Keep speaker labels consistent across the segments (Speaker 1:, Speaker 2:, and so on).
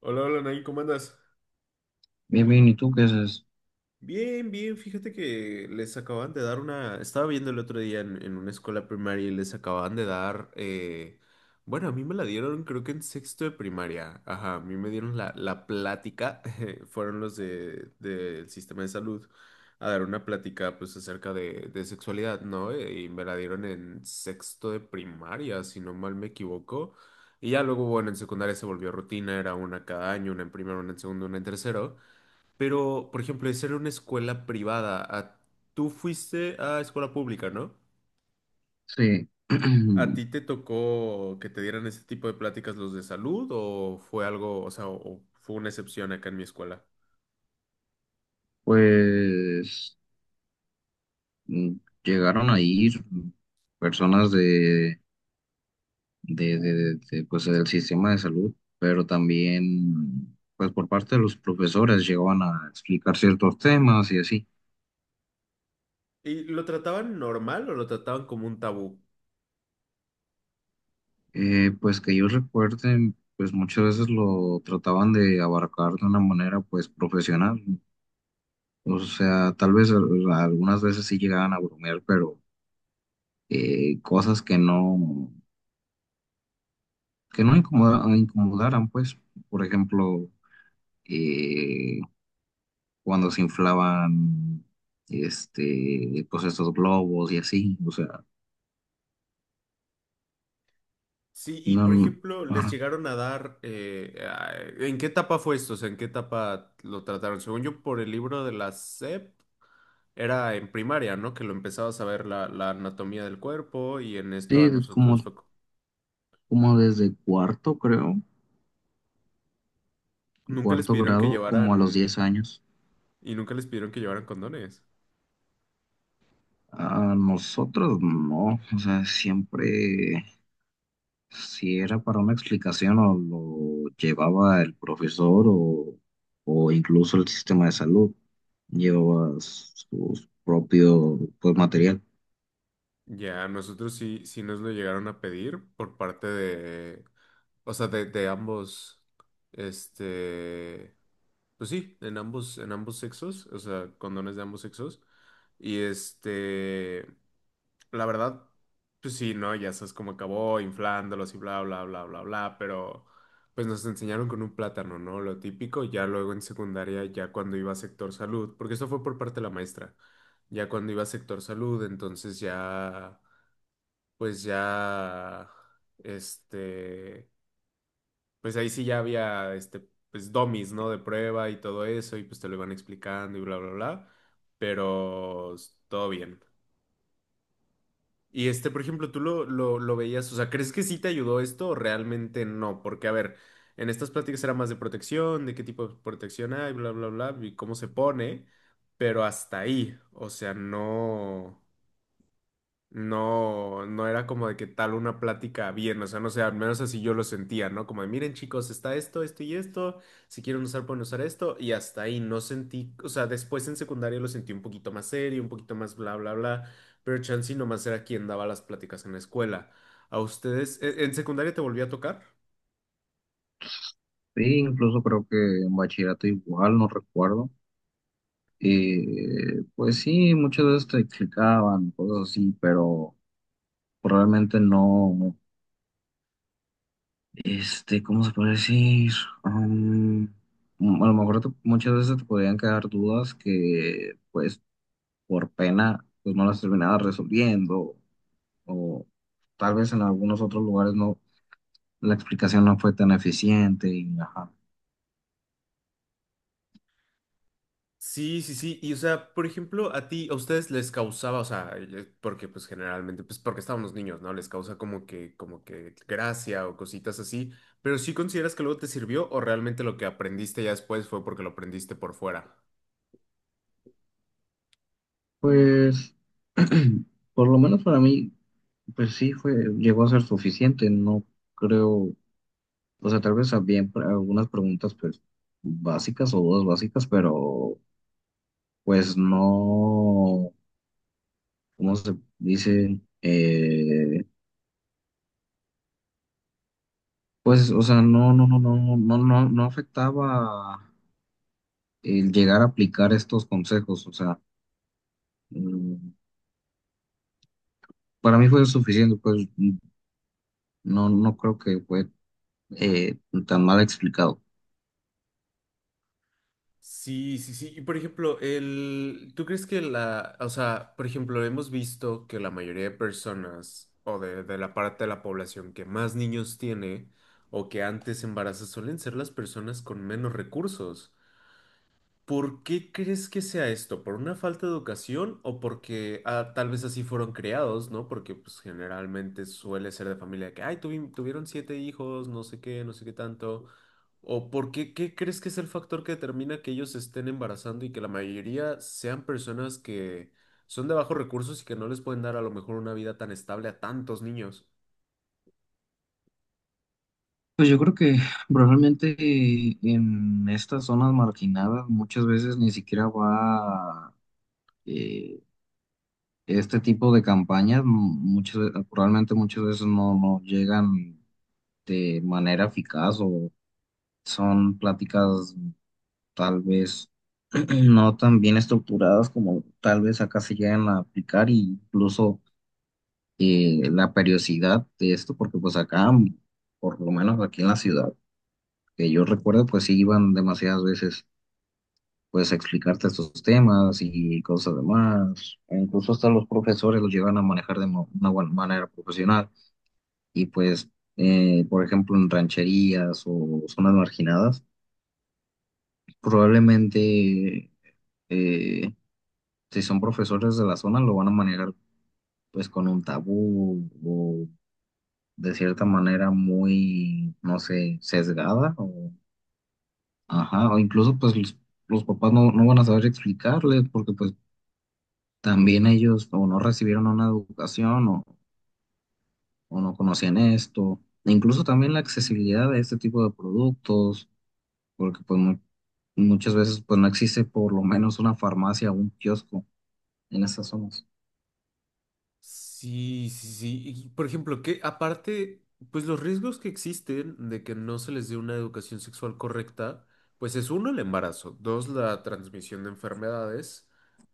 Speaker 1: Hola, hola, Nay, ¿cómo andas?
Speaker 2: Bien, bien, ¿y tú qué haces?
Speaker 1: Bien, bien, fíjate que les acaban de dar una... Estaba viendo el otro día en una escuela primaria y les acaban de dar... bueno, a mí me la dieron creo que en sexto de primaria. Ajá, a mí me dieron la plática. Fueron los de, del sistema de salud a dar una plática pues acerca de sexualidad, ¿no? Y me la dieron en sexto de primaria, si no mal me equivoco. Y ya luego, bueno, en secundaria se volvió rutina, era una cada año, una en primero, una en segundo, una en tercero. Pero, por ejemplo, de ser una escuela privada. Tú fuiste a escuela pública, ¿no?
Speaker 2: Sí,
Speaker 1: ¿A ti te tocó que te dieran ese tipo de pláticas los de salud o fue algo, o sea, o fue una excepción acá en mi escuela?
Speaker 2: pues mm, llegaron a ir personas pues, del sistema de salud, pero también, pues por parte de los profesores llegaban a explicar ciertos temas y así.
Speaker 1: ¿Y lo trataban normal o lo trataban como un tabú?
Speaker 2: Pues que yo recuerde, pues muchas veces lo trataban de abarcar de una manera, pues profesional. O sea, tal vez algunas veces sí llegaban a bromear, pero cosas que no incomodaran, pues, por ejemplo, eh, cuando se inflaban, pues estos globos y así, o sea,
Speaker 1: Sí, y por
Speaker 2: no,
Speaker 1: ejemplo, les
Speaker 2: ajá.
Speaker 1: llegaron a dar, ¿en qué etapa fue esto? O sea, ¿en qué etapa lo trataron? Según yo, por el libro de la SEP, era en primaria, ¿no? Que lo empezabas a ver la anatomía del cuerpo y en esto a
Speaker 2: Sí, como,
Speaker 1: nosotros fue...
Speaker 2: como desde cuarto, creo,
Speaker 1: Nunca les
Speaker 2: cuarto
Speaker 1: pidieron que
Speaker 2: grado, como a los
Speaker 1: llevaran,
Speaker 2: 10 años.
Speaker 1: y nunca les pidieron que llevaran condones.
Speaker 2: A nosotros no, o sea, siempre si era para una explicación o lo llevaba el profesor o incluso el sistema de salud, llevaba su propio pues, material.
Speaker 1: Ya, nosotros sí, sí nos lo llegaron a pedir por parte de, o sea, de ambos, este, pues sí, en ambos sexos, o sea, condones de ambos sexos. Y este, la verdad, pues sí, ¿no? Ya sabes cómo acabó, inflándolos y bla, bla, bla, bla, bla, pero pues nos enseñaron con un plátano, ¿no? Lo típico, ya luego en secundaria, ya cuando iba a sector salud, porque eso fue por parte de la maestra, ya cuando iba a sector salud, entonces ya, pues ya, este, pues ahí sí ya había, pues domis, ¿no? De prueba y todo eso, y pues te lo iban explicando y bla, bla, bla, pero todo bien. Y este, por ejemplo, tú lo veías, o sea, ¿crees que sí te ayudó esto o realmente no? Porque, a ver, en estas pláticas era más de protección, de qué tipo de protección hay, bla, bla, bla, y cómo se pone, pero hasta ahí, o sea, no. No, no era como de que tal una plática bien, o sea, no sé, al menos así yo lo sentía, ¿no? Como de, miren chicos, está esto, esto y esto, si quieren usar pueden usar esto, y hasta ahí no sentí, o sea, después en secundaria lo sentí un poquito más serio, un poquito más bla, bla, bla, pero Chansey nomás era quien daba las pláticas en la escuela. ¿A ustedes, en secundaria te volví a tocar?
Speaker 2: Sí, incluso creo que en bachillerato igual, no recuerdo. Pues sí, muchas veces te explicaban cosas así, pero realmente no, no. ¿Cómo se puede decir? Am, a lo mejor muchas veces te podían quedar dudas que pues por pena, pues no las terminaba resolviendo, o tal vez en algunos otros lugares no, la explicación no fue tan eficiente y ajá.
Speaker 1: Sí, sí, sí. Y o sea, por ejemplo, a ti, a ustedes les causaba, o sea, porque pues generalmente, pues porque estábamos niños, ¿no? Les causa como que gracia o cositas así. Pero sí consideras que luego te sirvió o realmente lo que aprendiste ya después fue porque lo aprendiste por fuera.
Speaker 2: Pues, por lo menos para mí, pues sí fue, llegó a ser suficiente, no creo, o sea, tal vez había algunas preguntas pues básicas o dudas básicas, pero pues no. ¿Cómo se dice? Pues, o sea, no, no, no, no, no, no, no afectaba el llegar a aplicar estos consejos, o sea, mm, para mí fue suficiente, pues no, no creo que fue eh, tan mal explicado.
Speaker 1: Sí, sí, sí. Y por ejemplo, el, ¿tú crees que la, o sea, por ejemplo, hemos visto que la mayoría de personas o de la parte de la población que más niños tiene o que antes embaraza suelen ser las personas con menos recursos? ¿Por qué crees que sea esto? ¿Por una falta de educación o porque tal vez así fueron criados, ¿no? Porque pues generalmente suele ser de familia que, ay, tuvieron siete hijos, no sé qué, no sé qué tanto. ¿O por qué, qué crees que es el factor que determina que ellos se estén embarazando y que la mayoría sean personas que son de bajos recursos y que no les pueden dar a lo mejor una vida tan estable a tantos niños?
Speaker 2: Pues yo creo que probablemente en estas zonas marginadas muchas veces ni siquiera va eh, este tipo de campañas, probablemente muchas veces no, no llegan de manera eficaz o son pláticas tal vez no tan bien estructuradas como tal vez acá se llegan a aplicar e incluso la periodicidad de esto, porque pues acá, por lo menos aquí en la ciudad, que yo recuerdo, pues sí iban demasiadas veces pues a explicarte estos temas y cosas demás. E incluso hasta los profesores los llevan a manejar de una buena manera profesional y pues, por ejemplo, en rancherías o zonas marginadas, probablemente, eh, si son profesores de la zona, lo van a manejar pues con un tabú o de cierta manera muy, no sé, sesgada o, ajá, o incluso pues los papás no, no van a saber explicarles porque pues también ellos o no recibieron una educación o, no conocían esto. E incluso también la accesibilidad de este tipo de productos, porque pues muchas veces pues no existe por lo menos una farmacia o un kiosco en esas zonas.
Speaker 1: Sí, sí, sí. Y, por ejemplo, que aparte, pues los riesgos que existen de que no se les dé una educación sexual correcta, pues es uno, el embarazo, dos, la transmisión de enfermedades,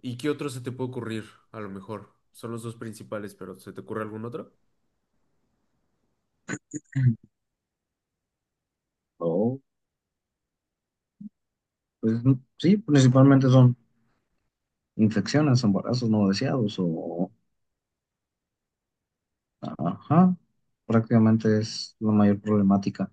Speaker 1: ¿y qué otro se te puede ocurrir? A lo mejor son los dos principales, pero ¿se te ocurre algún otro?
Speaker 2: Mm. O, pues sí, principalmente son infecciones, embarazos no deseados o, ajá, prácticamente es la mayor problemática.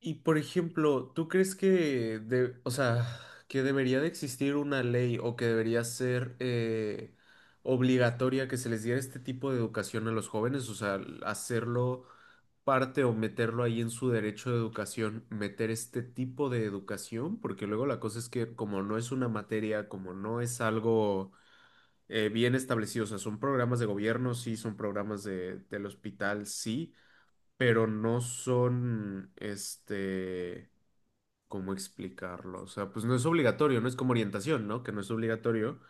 Speaker 1: Y por ejemplo, ¿tú crees que, de, o sea, que debería de existir una ley o que debería ser obligatoria que se les diera este tipo de educación a los jóvenes? O sea, hacerlo parte o meterlo ahí en su derecho de educación, meter este tipo de educación, porque luego la cosa es que como no es una materia, como no es algo bien establecido, o sea, son programas de gobierno, sí, son programas de, del hospital, sí, pero no son, ¿Cómo explicarlo? O sea, pues no es obligatorio, no es como orientación, ¿no? Que no es obligatorio,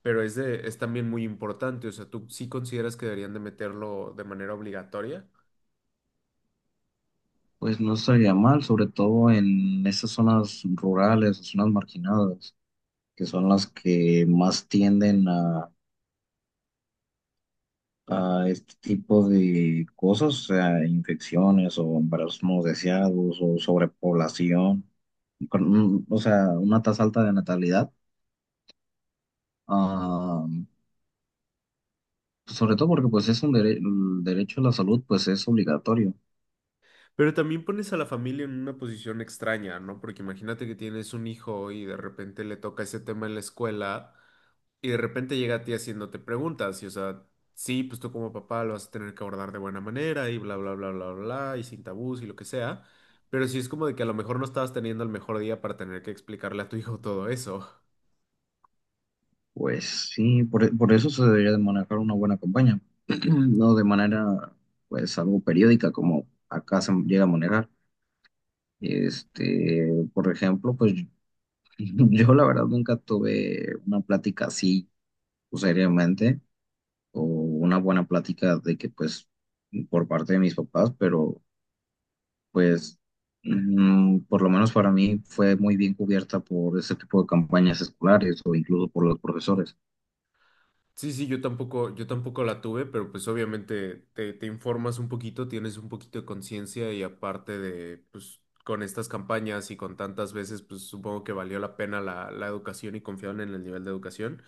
Speaker 1: pero es de, es también muy importante. O sea, tú sí consideras que deberían de meterlo de manera obligatoria,
Speaker 2: Pues no estaría mal, sobre todo en esas zonas rurales, zonas marginadas, que son las que más tienden a este tipo de cosas, o sea, infecciones o embarazos no deseados o sobrepoblación, o sea, una tasa alta de natalidad. Ah, pues sobre todo porque pues es el derecho a la salud, pues es obligatorio.
Speaker 1: pero también pones a la familia en una posición extraña, ¿no? Porque imagínate que tienes un hijo y de repente le toca ese tema en la escuela. Y de repente llega a ti haciéndote preguntas, y o sea, sí, pues tú como papá lo vas a tener que abordar de buena manera, y bla, bla, bla, bla, bla, y sin tabús y lo que sea, pero sí es como de que a lo mejor no estabas teniendo el mejor día para tener que explicarle a tu hijo todo eso.
Speaker 2: Pues sí, por eso se debería de manejar una buena campaña, no de manera, pues, algo periódica como acá se llega a manejar. Este, por ejemplo, pues yo la verdad nunca tuve una plática así, pues, seriamente, o una buena plática de que, pues, por parte de mis papás, pero, pues, por lo menos para mí fue muy bien cubierta por ese tipo de campañas escolares o incluso por los profesores.
Speaker 1: Sí, sí, yo tampoco la tuve, pero pues obviamente te informas un poquito, tienes un poquito de conciencia y aparte de, pues con estas campañas y con tantas veces, pues supongo que valió la pena la educación y confiaron en el nivel de educación.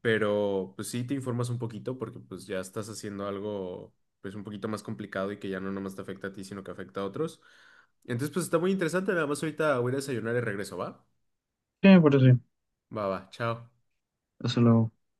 Speaker 1: Pero pues sí te informas un poquito porque pues ya estás haciendo algo pues un poquito más complicado y que ya no nomás te afecta a ti, sino que afecta a otros. Entonces pues está muy interesante, nada más ahorita voy a ir a desayunar y regreso, ¿va?
Speaker 2: Sí, por eso,
Speaker 1: Va, va, chao.
Speaker 2: eso luego.